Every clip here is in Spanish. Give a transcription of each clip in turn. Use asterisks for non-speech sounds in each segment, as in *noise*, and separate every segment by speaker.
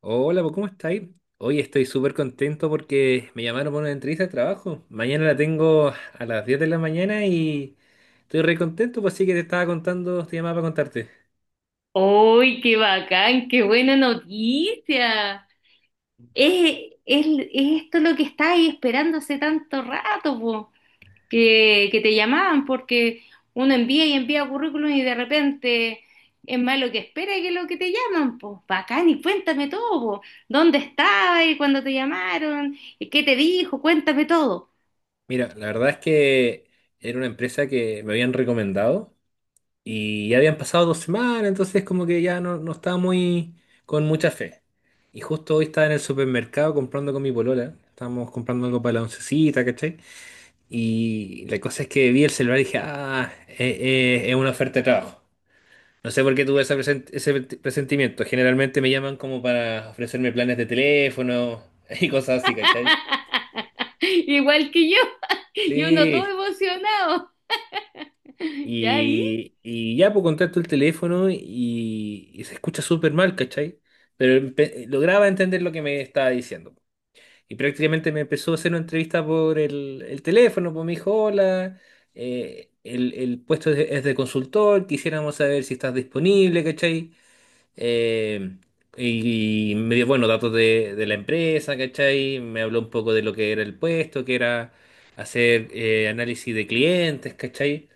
Speaker 1: Hola, pues, ¿cómo estáis? Hoy estoy súper contento porque me llamaron para una entrevista de trabajo. Mañana la tengo a las 10 de la mañana y estoy re contento, pues sí que te estaba contando, te llamaba para contarte.
Speaker 2: ¡Uy, qué bacán! ¡Qué buena noticia! Es esto lo que estáis esperando hace tanto rato, po, que te llamaban, porque uno envía y envía currículum y de repente es más lo que espera que lo que te llaman, pues. Bacán, y cuéntame todo, po. ¿Dónde estabas cuando te llamaron? ¿Qué te dijo? Cuéntame todo.
Speaker 1: Mira, la verdad es que era una empresa que me habían recomendado y ya habían pasado 2 semanas, entonces como que ya no estaba muy con mucha fe. Y justo hoy estaba en el supermercado comprando con mi polola, estábamos comprando algo para la oncecita, ¿cachai? Y la cosa es que vi el celular y dije, ah, es una oferta de trabajo. No sé por qué tuve ese presentimiento. Generalmente me llaman como para ofrecerme planes de teléfono *laughs* y cosas así, ¿cachai?
Speaker 2: *laughs* Igual que yo. *laughs* Y uno todo
Speaker 1: Sí.
Speaker 2: emocionado. *laughs* ¿Ya ahí?
Speaker 1: Y ya, pues contacto el teléfono y se escucha súper mal, ¿cachai? Pero lograba entender lo que me estaba diciendo. Y prácticamente me empezó a hacer una entrevista por el teléfono, pues me dijo, hola, el puesto es de consultor, quisiéramos saber si estás disponible, ¿cachai? Eh, y me dio, bueno, datos de la empresa, ¿cachai? Me habló un poco de lo que era el puesto, que era hacer análisis de clientes, ¿cachai?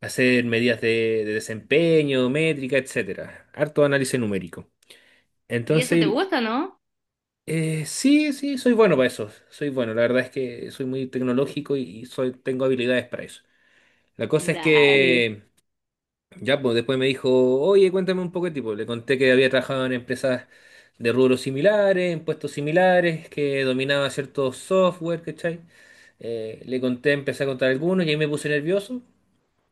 Speaker 1: Hacer medidas de desempeño, métrica, etcétera. Harto análisis numérico.
Speaker 2: ¿Y eso te
Speaker 1: Entonces.
Speaker 2: gusta, no?
Speaker 1: Sí, sí, soy bueno para eso. Soy bueno. La verdad es que soy muy tecnológico y tengo habilidades para eso. La cosa es
Speaker 2: Dale.
Speaker 1: que ya pues, después me dijo, oye, cuéntame un poco de tipo. Le conté que había trabajado en empresas de rubros similares, en puestos similares, que dominaba ciertos software, ¿cachai? Le conté, empecé a contar algunos y ahí me puse nervioso.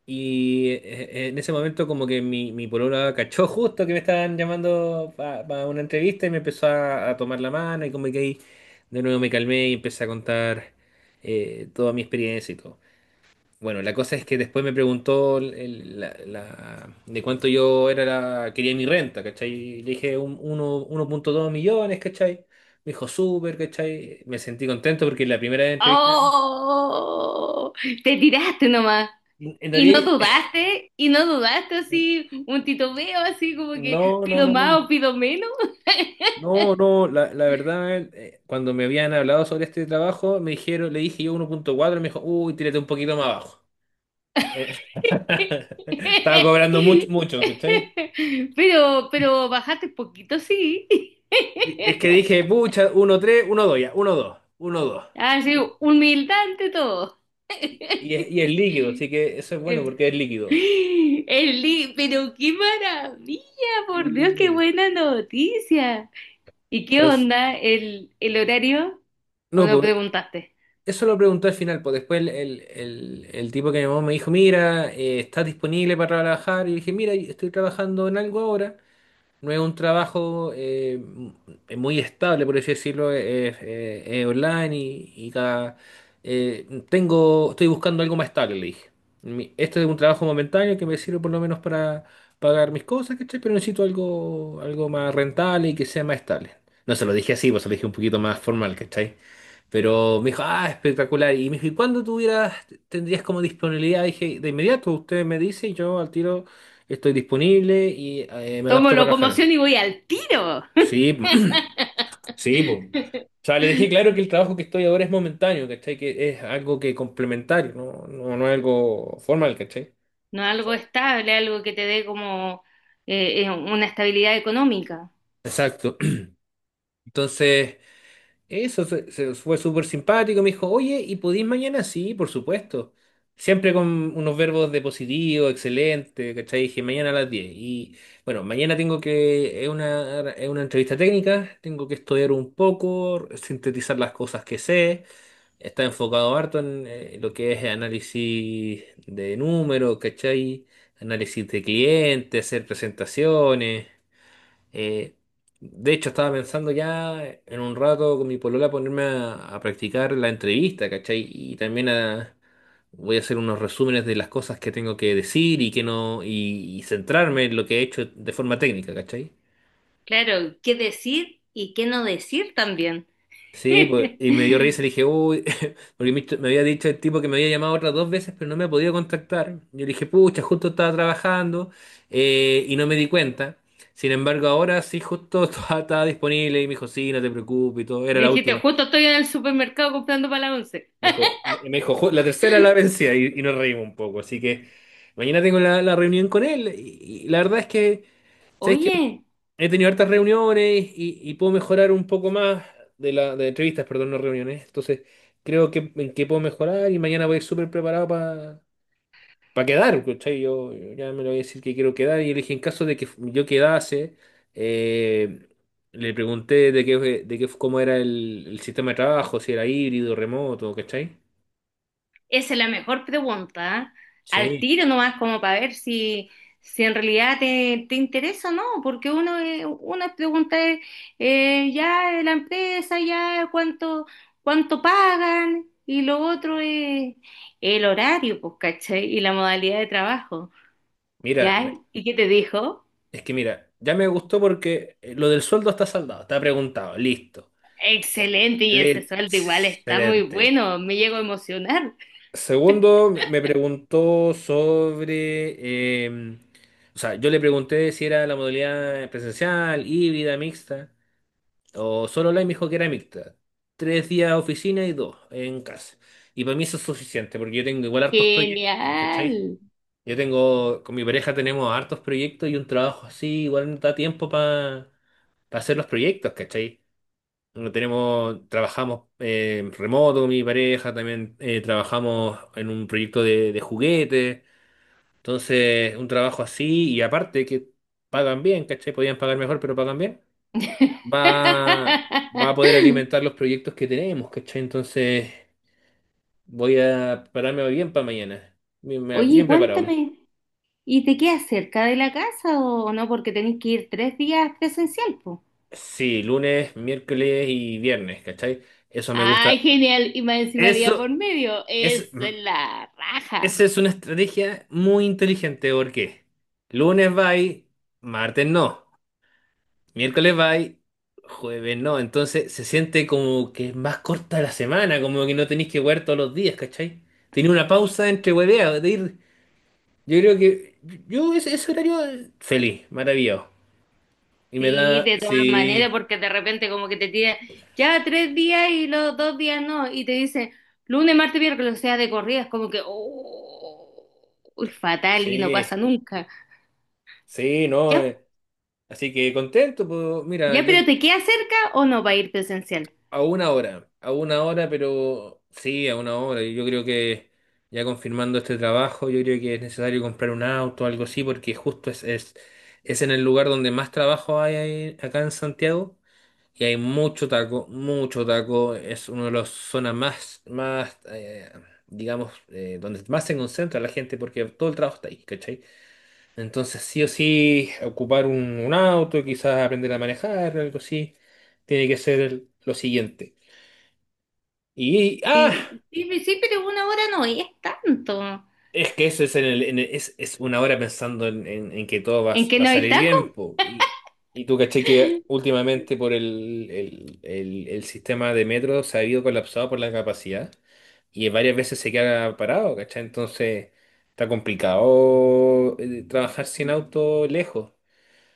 Speaker 1: Y en ese momento como que mi polola cachó justo que me estaban llamando para una entrevista y me empezó a tomar la mano y como que ahí de nuevo me calmé y empecé a contar toda mi experiencia y todo. Bueno, la cosa es que después me preguntó de cuánto yo era quería mi renta, ¿cachai? Y le dije 1,2 millones, ¿cachai? Me dijo súper, ¿cachai? Me sentí contento porque la primera entrevista.
Speaker 2: ¡Oh! Te tiraste nomás.
Speaker 1: En realidad. *laughs*
Speaker 2: Y no dudaste así, un titubeo así como que
Speaker 1: No, no,
Speaker 2: pido
Speaker 1: no, no.
Speaker 2: más o pido menos.
Speaker 1: No, no, la verdad, cuando me habían hablado sobre este trabajo, me dijeron, le dije yo 1,4, me dijo, uy, tírate un poquito más abajo. Eh, *laughs* Estaba cobrando mucho,
Speaker 2: *laughs*
Speaker 1: mucho, ¿cachai?
Speaker 2: Pero bajaste poquito, sí.
Speaker 1: Es que dije, pucha, 1,3, 1,2, ya, 1,2, 1,2.
Speaker 2: Así, humildad ante todo.
Speaker 1: Y es
Speaker 2: *laughs*
Speaker 1: líquido, así que eso es bueno porque es líquido.
Speaker 2: Eli, pero qué maravilla, por Dios, qué
Speaker 1: Sí.
Speaker 2: buena noticia. ¿Y qué
Speaker 1: Entonces,
Speaker 2: onda el horario? ¿O
Speaker 1: no,
Speaker 2: no
Speaker 1: pues
Speaker 2: preguntaste?
Speaker 1: eso lo preguntó al final, pues después el tipo que me llamó me dijo, mira, ¿estás disponible para trabajar? Y dije, mira, estoy trabajando en algo ahora. No es un trabajo muy estable, por así decirlo, es online y cada. Estoy buscando algo más estable, le dije. Este es un trabajo momentáneo que me sirve por lo menos para pagar mis cosas, ¿cachai? Pero necesito algo más rentable y que sea más estable. No se lo dije así, pues se lo dije un poquito más formal, ¿cachai? Pero me dijo, ah, espectacular. Y me dijo, ¿y cuándo tendrías como disponibilidad? Dije, de inmediato, usted me dice y yo al tiro. Estoy disponible y me
Speaker 2: Tomo
Speaker 1: adapto para trabajar.
Speaker 2: locomoción y voy al tiro.
Speaker 1: Sí, *clears throat* sí, pues.
Speaker 2: *laughs*
Speaker 1: O sea, le dejé claro que el trabajo que estoy ahora es momentáneo, ¿cachai? Que es algo que complementario, no, no, no es algo formal, ¿cachai?
Speaker 2: No algo estable, algo que te dé como una estabilidad económica.
Speaker 1: Exacto. *clears throat* Entonces. Eso fue súper simpático. Me dijo, oye, ¿y podís mañana? Sí, por supuesto. Siempre con unos verbos de positivo, excelente, ¿cachai? Dije, mañana a las 10. Y bueno, mañana tengo que, es una entrevista técnica, tengo que estudiar un poco, sintetizar las cosas que sé. Está enfocado harto en lo que es análisis de números, ¿cachai? Análisis de clientes, hacer presentaciones. Eh, de hecho, estaba pensando ya en un rato con mi polola ponerme a practicar la entrevista, ¿cachai? Y también voy a hacer unos resúmenes de las cosas que tengo que decir y que no, y centrarme en lo que he hecho de forma técnica, ¿cachai?
Speaker 2: Claro, qué decir y qué no decir también.
Speaker 1: Sí, pues,
Speaker 2: *laughs*
Speaker 1: y me dio risa y dije, uy, *laughs* porque me había dicho el tipo que me había llamado otras 2 veces, pero no me ha podido contactar. Yo le dije, pucha, justo estaba trabajando y no me di cuenta. Sin embargo, ahora sí, justo *laughs* estaba disponible y me dijo, sí, no te preocupes y todo, era
Speaker 2: Me
Speaker 1: la
Speaker 2: dijiste,
Speaker 1: última.
Speaker 2: justo estoy en el supermercado comprando para la once.
Speaker 1: Me dijo, la tercera la vencida" y nos reímos un poco. Así que mañana tengo la reunión con él y la verdad es que, ¿sabes qué?
Speaker 2: Oye,
Speaker 1: He tenido hartas reuniones y puedo mejorar un poco más de de entrevistas, perdón, no reuniones. Entonces, creo que en qué puedo mejorar y mañana voy a ir súper preparado para quedar, ¿cachai? Yo ya me lo voy a decir que quiero quedar y le dije, en caso de que yo quedase, eh, le pregunté de qué, cómo era el sistema de trabajo, si era híbrido, remoto, ¿cachai?
Speaker 2: esa es la mejor pregunta, ¿eh? Al
Speaker 1: Sí.
Speaker 2: tiro nomás como para ver si, si en realidad te, te interesa o no, porque uno, una pregunta es, ya la empresa, ya cuánto, cuánto pagan, y lo otro es el horario, pues, ¿cachai? Y la modalidad de trabajo,
Speaker 1: Mira,
Speaker 2: ¿ya? ¿Y qué te dijo?
Speaker 1: es que mira, ya me gustó porque lo del sueldo está saldado, está preguntado, listo.
Speaker 2: Excelente, y ese sueldo igual está muy
Speaker 1: Excelente.
Speaker 2: bueno, me llego a emocionar.
Speaker 1: Segundo, me preguntó sobre, o sea, yo le pregunté si era la modalidad presencial, híbrida, mixta, o solo online, me dijo que era mixta. 3 días oficina y 2 en casa. Y para mí eso es suficiente, porque yo tengo igual hartos proyectos, ¿cachai?
Speaker 2: Genial.
Speaker 1: Con mi pareja tenemos hartos proyectos y un trabajo así, igual no da tiempo para hacer los proyectos, ¿cachai? No. Trabajamos remoto, mi pareja, también trabajamos en un proyecto de juguete. Entonces, un trabajo así, y aparte que pagan bien, ¿cachai? Podían pagar mejor, pero pagan bien. Va, va a poder
Speaker 2: *laughs*
Speaker 1: alimentar los proyectos que tenemos, ¿cachai? Entonces, voy a pararme bien para mañana. Bien,
Speaker 2: Oye,
Speaker 1: bien preparado.
Speaker 2: cuéntame. ¿Y te quedas cerca de la casa o no? Porque tenés que ir tres días presencial, pues.
Speaker 1: Sí, lunes, miércoles y viernes, ¿cachai? Eso me
Speaker 2: Ay,
Speaker 1: gusta.
Speaker 2: genial. Y más encima día
Speaker 1: Eso,
Speaker 2: por medio.
Speaker 1: es
Speaker 2: Es la raja.
Speaker 1: Esa es una estrategia muy inteligente porque lunes vai, martes no, miércoles vai, jueves no. Entonces se siente como que es más corta la semana, como que no tenéis que jugar todos los días, ¿cachai? Tiene una pausa entre hueveas. Yo creo que yo ese horario feliz, maravilloso.
Speaker 2: Sí, de todas maneras,
Speaker 1: Sí,
Speaker 2: porque de repente como que te tiran ya tres días y los dos días no, y te dicen lunes, martes, miércoles, o sea, de corridas, como que, oh, uy, fatal y no
Speaker 1: sí,
Speaker 2: pasa nunca.
Speaker 1: sí, no.
Speaker 2: Ya,
Speaker 1: Así que contento, pues mira,
Speaker 2: ya,
Speaker 1: yo.
Speaker 2: pero ¿te queda cerca o no va a ir presencial?
Speaker 1: A una hora, pero sí, a una hora. Yo creo que ya confirmando este trabajo, yo creo que es necesario comprar un auto o algo así, porque justo es en el lugar donde más trabajo hay acá en Santiago y hay mucho taco, mucho taco. Es una de las zonas más digamos, donde más se concentra la gente, porque todo el trabajo está ahí, ¿cachai? Entonces, sí o sí, ocupar un auto, quizás aprender a manejar, algo así, tiene que ser lo siguiente. Y, ah,
Speaker 2: Sí, sí, sí, pero una hora no es tanto.
Speaker 1: es que eso es, en el- es una hora pensando en que todo
Speaker 2: ¿En qué
Speaker 1: va a
Speaker 2: no hay
Speaker 1: salir bien,
Speaker 2: tacos?
Speaker 1: po. Y tú caché que últimamente por el sistema de metro se ha ido colapsado por la capacidad y varias veces se queda parado, ¿cachai? Entonces está complicado trabajar sin auto lejos.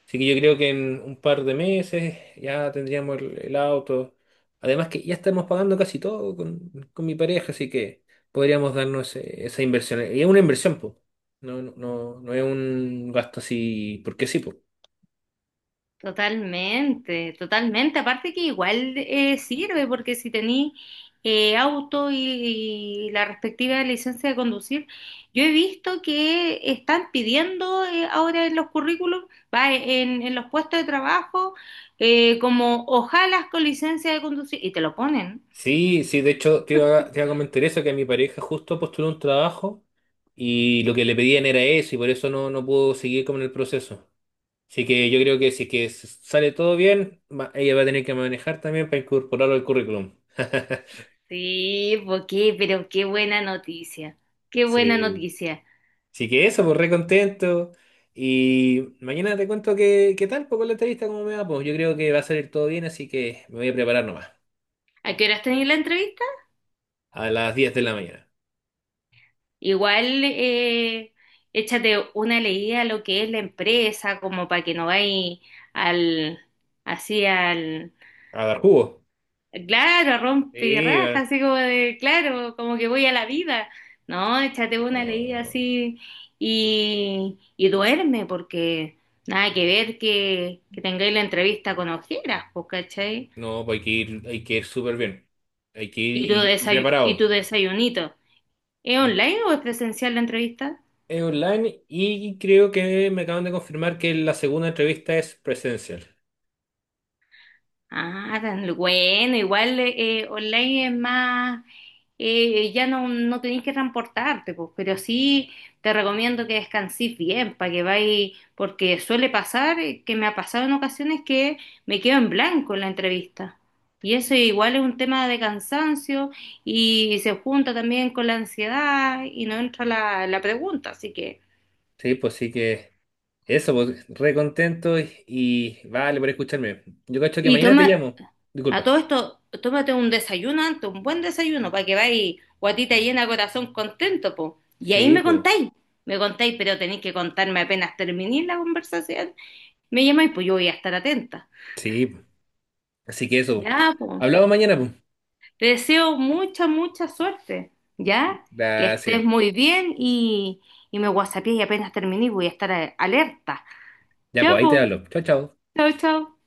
Speaker 1: Así que yo creo que en un par de meses ya tendríamos el auto. Además que ya estamos pagando casi todo con mi pareja, así que podríamos darnos esa inversión. Y es una inversión, pues. No, no, no, no es un gasto así, porque sí, pues.
Speaker 2: Totalmente, totalmente. Aparte que igual sirve, porque si tení auto y la respectiva licencia de conducir, yo he visto que están pidiendo ahora en los currículums, va, en los puestos de trabajo, como ojalas con licencia de conducir, y te lo ponen.
Speaker 1: Sí, sí, de hecho te iba a comentar eso, que mi pareja justo postuló un trabajo y lo que le pedían era eso y por eso no pudo seguir con el proceso. Así que yo creo que si es que sale todo bien, ella va a tener que manejar también para incorporarlo al currículum. *laughs*
Speaker 2: Sí, porque, pero qué buena noticia, qué buena
Speaker 1: Sí,
Speaker 2: noticia.
Speaker 1: sí que eso, pues re contento. Y mañana te cuento qué tal, pues con la entrevista, cómo me va. Pues yo creo que va a salir todo bien, así que me voy a preparar nomás.
Speaker 2: ¿A qué horas tenéis la entrevista?
Speaker 1: A las diez de la mañana.
Speaker 2: Igual échate una leída a lo que es la empresa, como para que no vayas al, así al,
Speaker 1: A dar jugo.
Speaker 2: claro, a
Speaker 1: Sí,
Speaker 2: rompirraja,
Speaker 1: va.
Speaker 2: así como de, claro, como que voy a la vida. No, échate una leída
Speaker 1: Ah,
Speaker 2: así y duerme, porque nada que ver que tengáis la entrevista con ojeras, pues, ¿cachai?
Speaker 1: no, pues hay que ir súper bien. Hay que ir
Speaker 2: Y tu
Speaker 1: y
Speaker 2: y
Speaker 1: preparado.
Speaker 2: tu desayunito. ¿Es
Speaker 1: Ir-
Speaker 2: online o es presencial la entrevista?
Speaker 1: Es online y creo que me acaban de confirmar que la segunda entrevista es presencial.
Speaker 2: Ah, tan bueno, igual online es más, ya no, no tenés que transportarte, pues, pero sí te recomiendo que descansís bien para que vayas, porque suele pasar, que me ha pasado en ocasiones que me quedo en blanco en la entrevista. Y eso igual es un tema de cansancio y se junta también con la ansiedad y no entra la, la pregunta, así que...
Speaker 1: Sí, pues sí que. Eso, pues, re contento y vale por escucharme. Yo cacho que
Speaker 2: Y
Speaker 1: mañana te
Speaker 2: toma,
Speaker 1: llamo.
Speaker 2: a
Speaker 1: Disculpa.
Speaker 2: todo esto, tómate un desayuno antes, un buen desayuno, para que vayas guatita llena, corazón contento, po. Y ahí
Speaker 1: Sí, pues.
Speaker 2: me contáis, pero tenéis que contarme apenas terminéis la conversación. Me llamáis, pues yo voy a estar atenta.
Speaker 1: Sí, po. Así que eso, po.
Speaker 2: Ya, pues.
Speaker 1: Hablamos mañana, pues.
Speaker 2: Te deseo mucha, mucha suerte, ¿ya? Que
Speaker 1: Gracias.
Speaker 2: estés muy bien y me whatsappeé y apenas terminé voy a estar alerta.
Speaker 1: Ya,
Speaker 2: Ya,
Speaker 1: pues ahí te
Speaker 2: pues.
Speaker 1: hablo. Chao, chao.
Speaker 2: Chao, chao.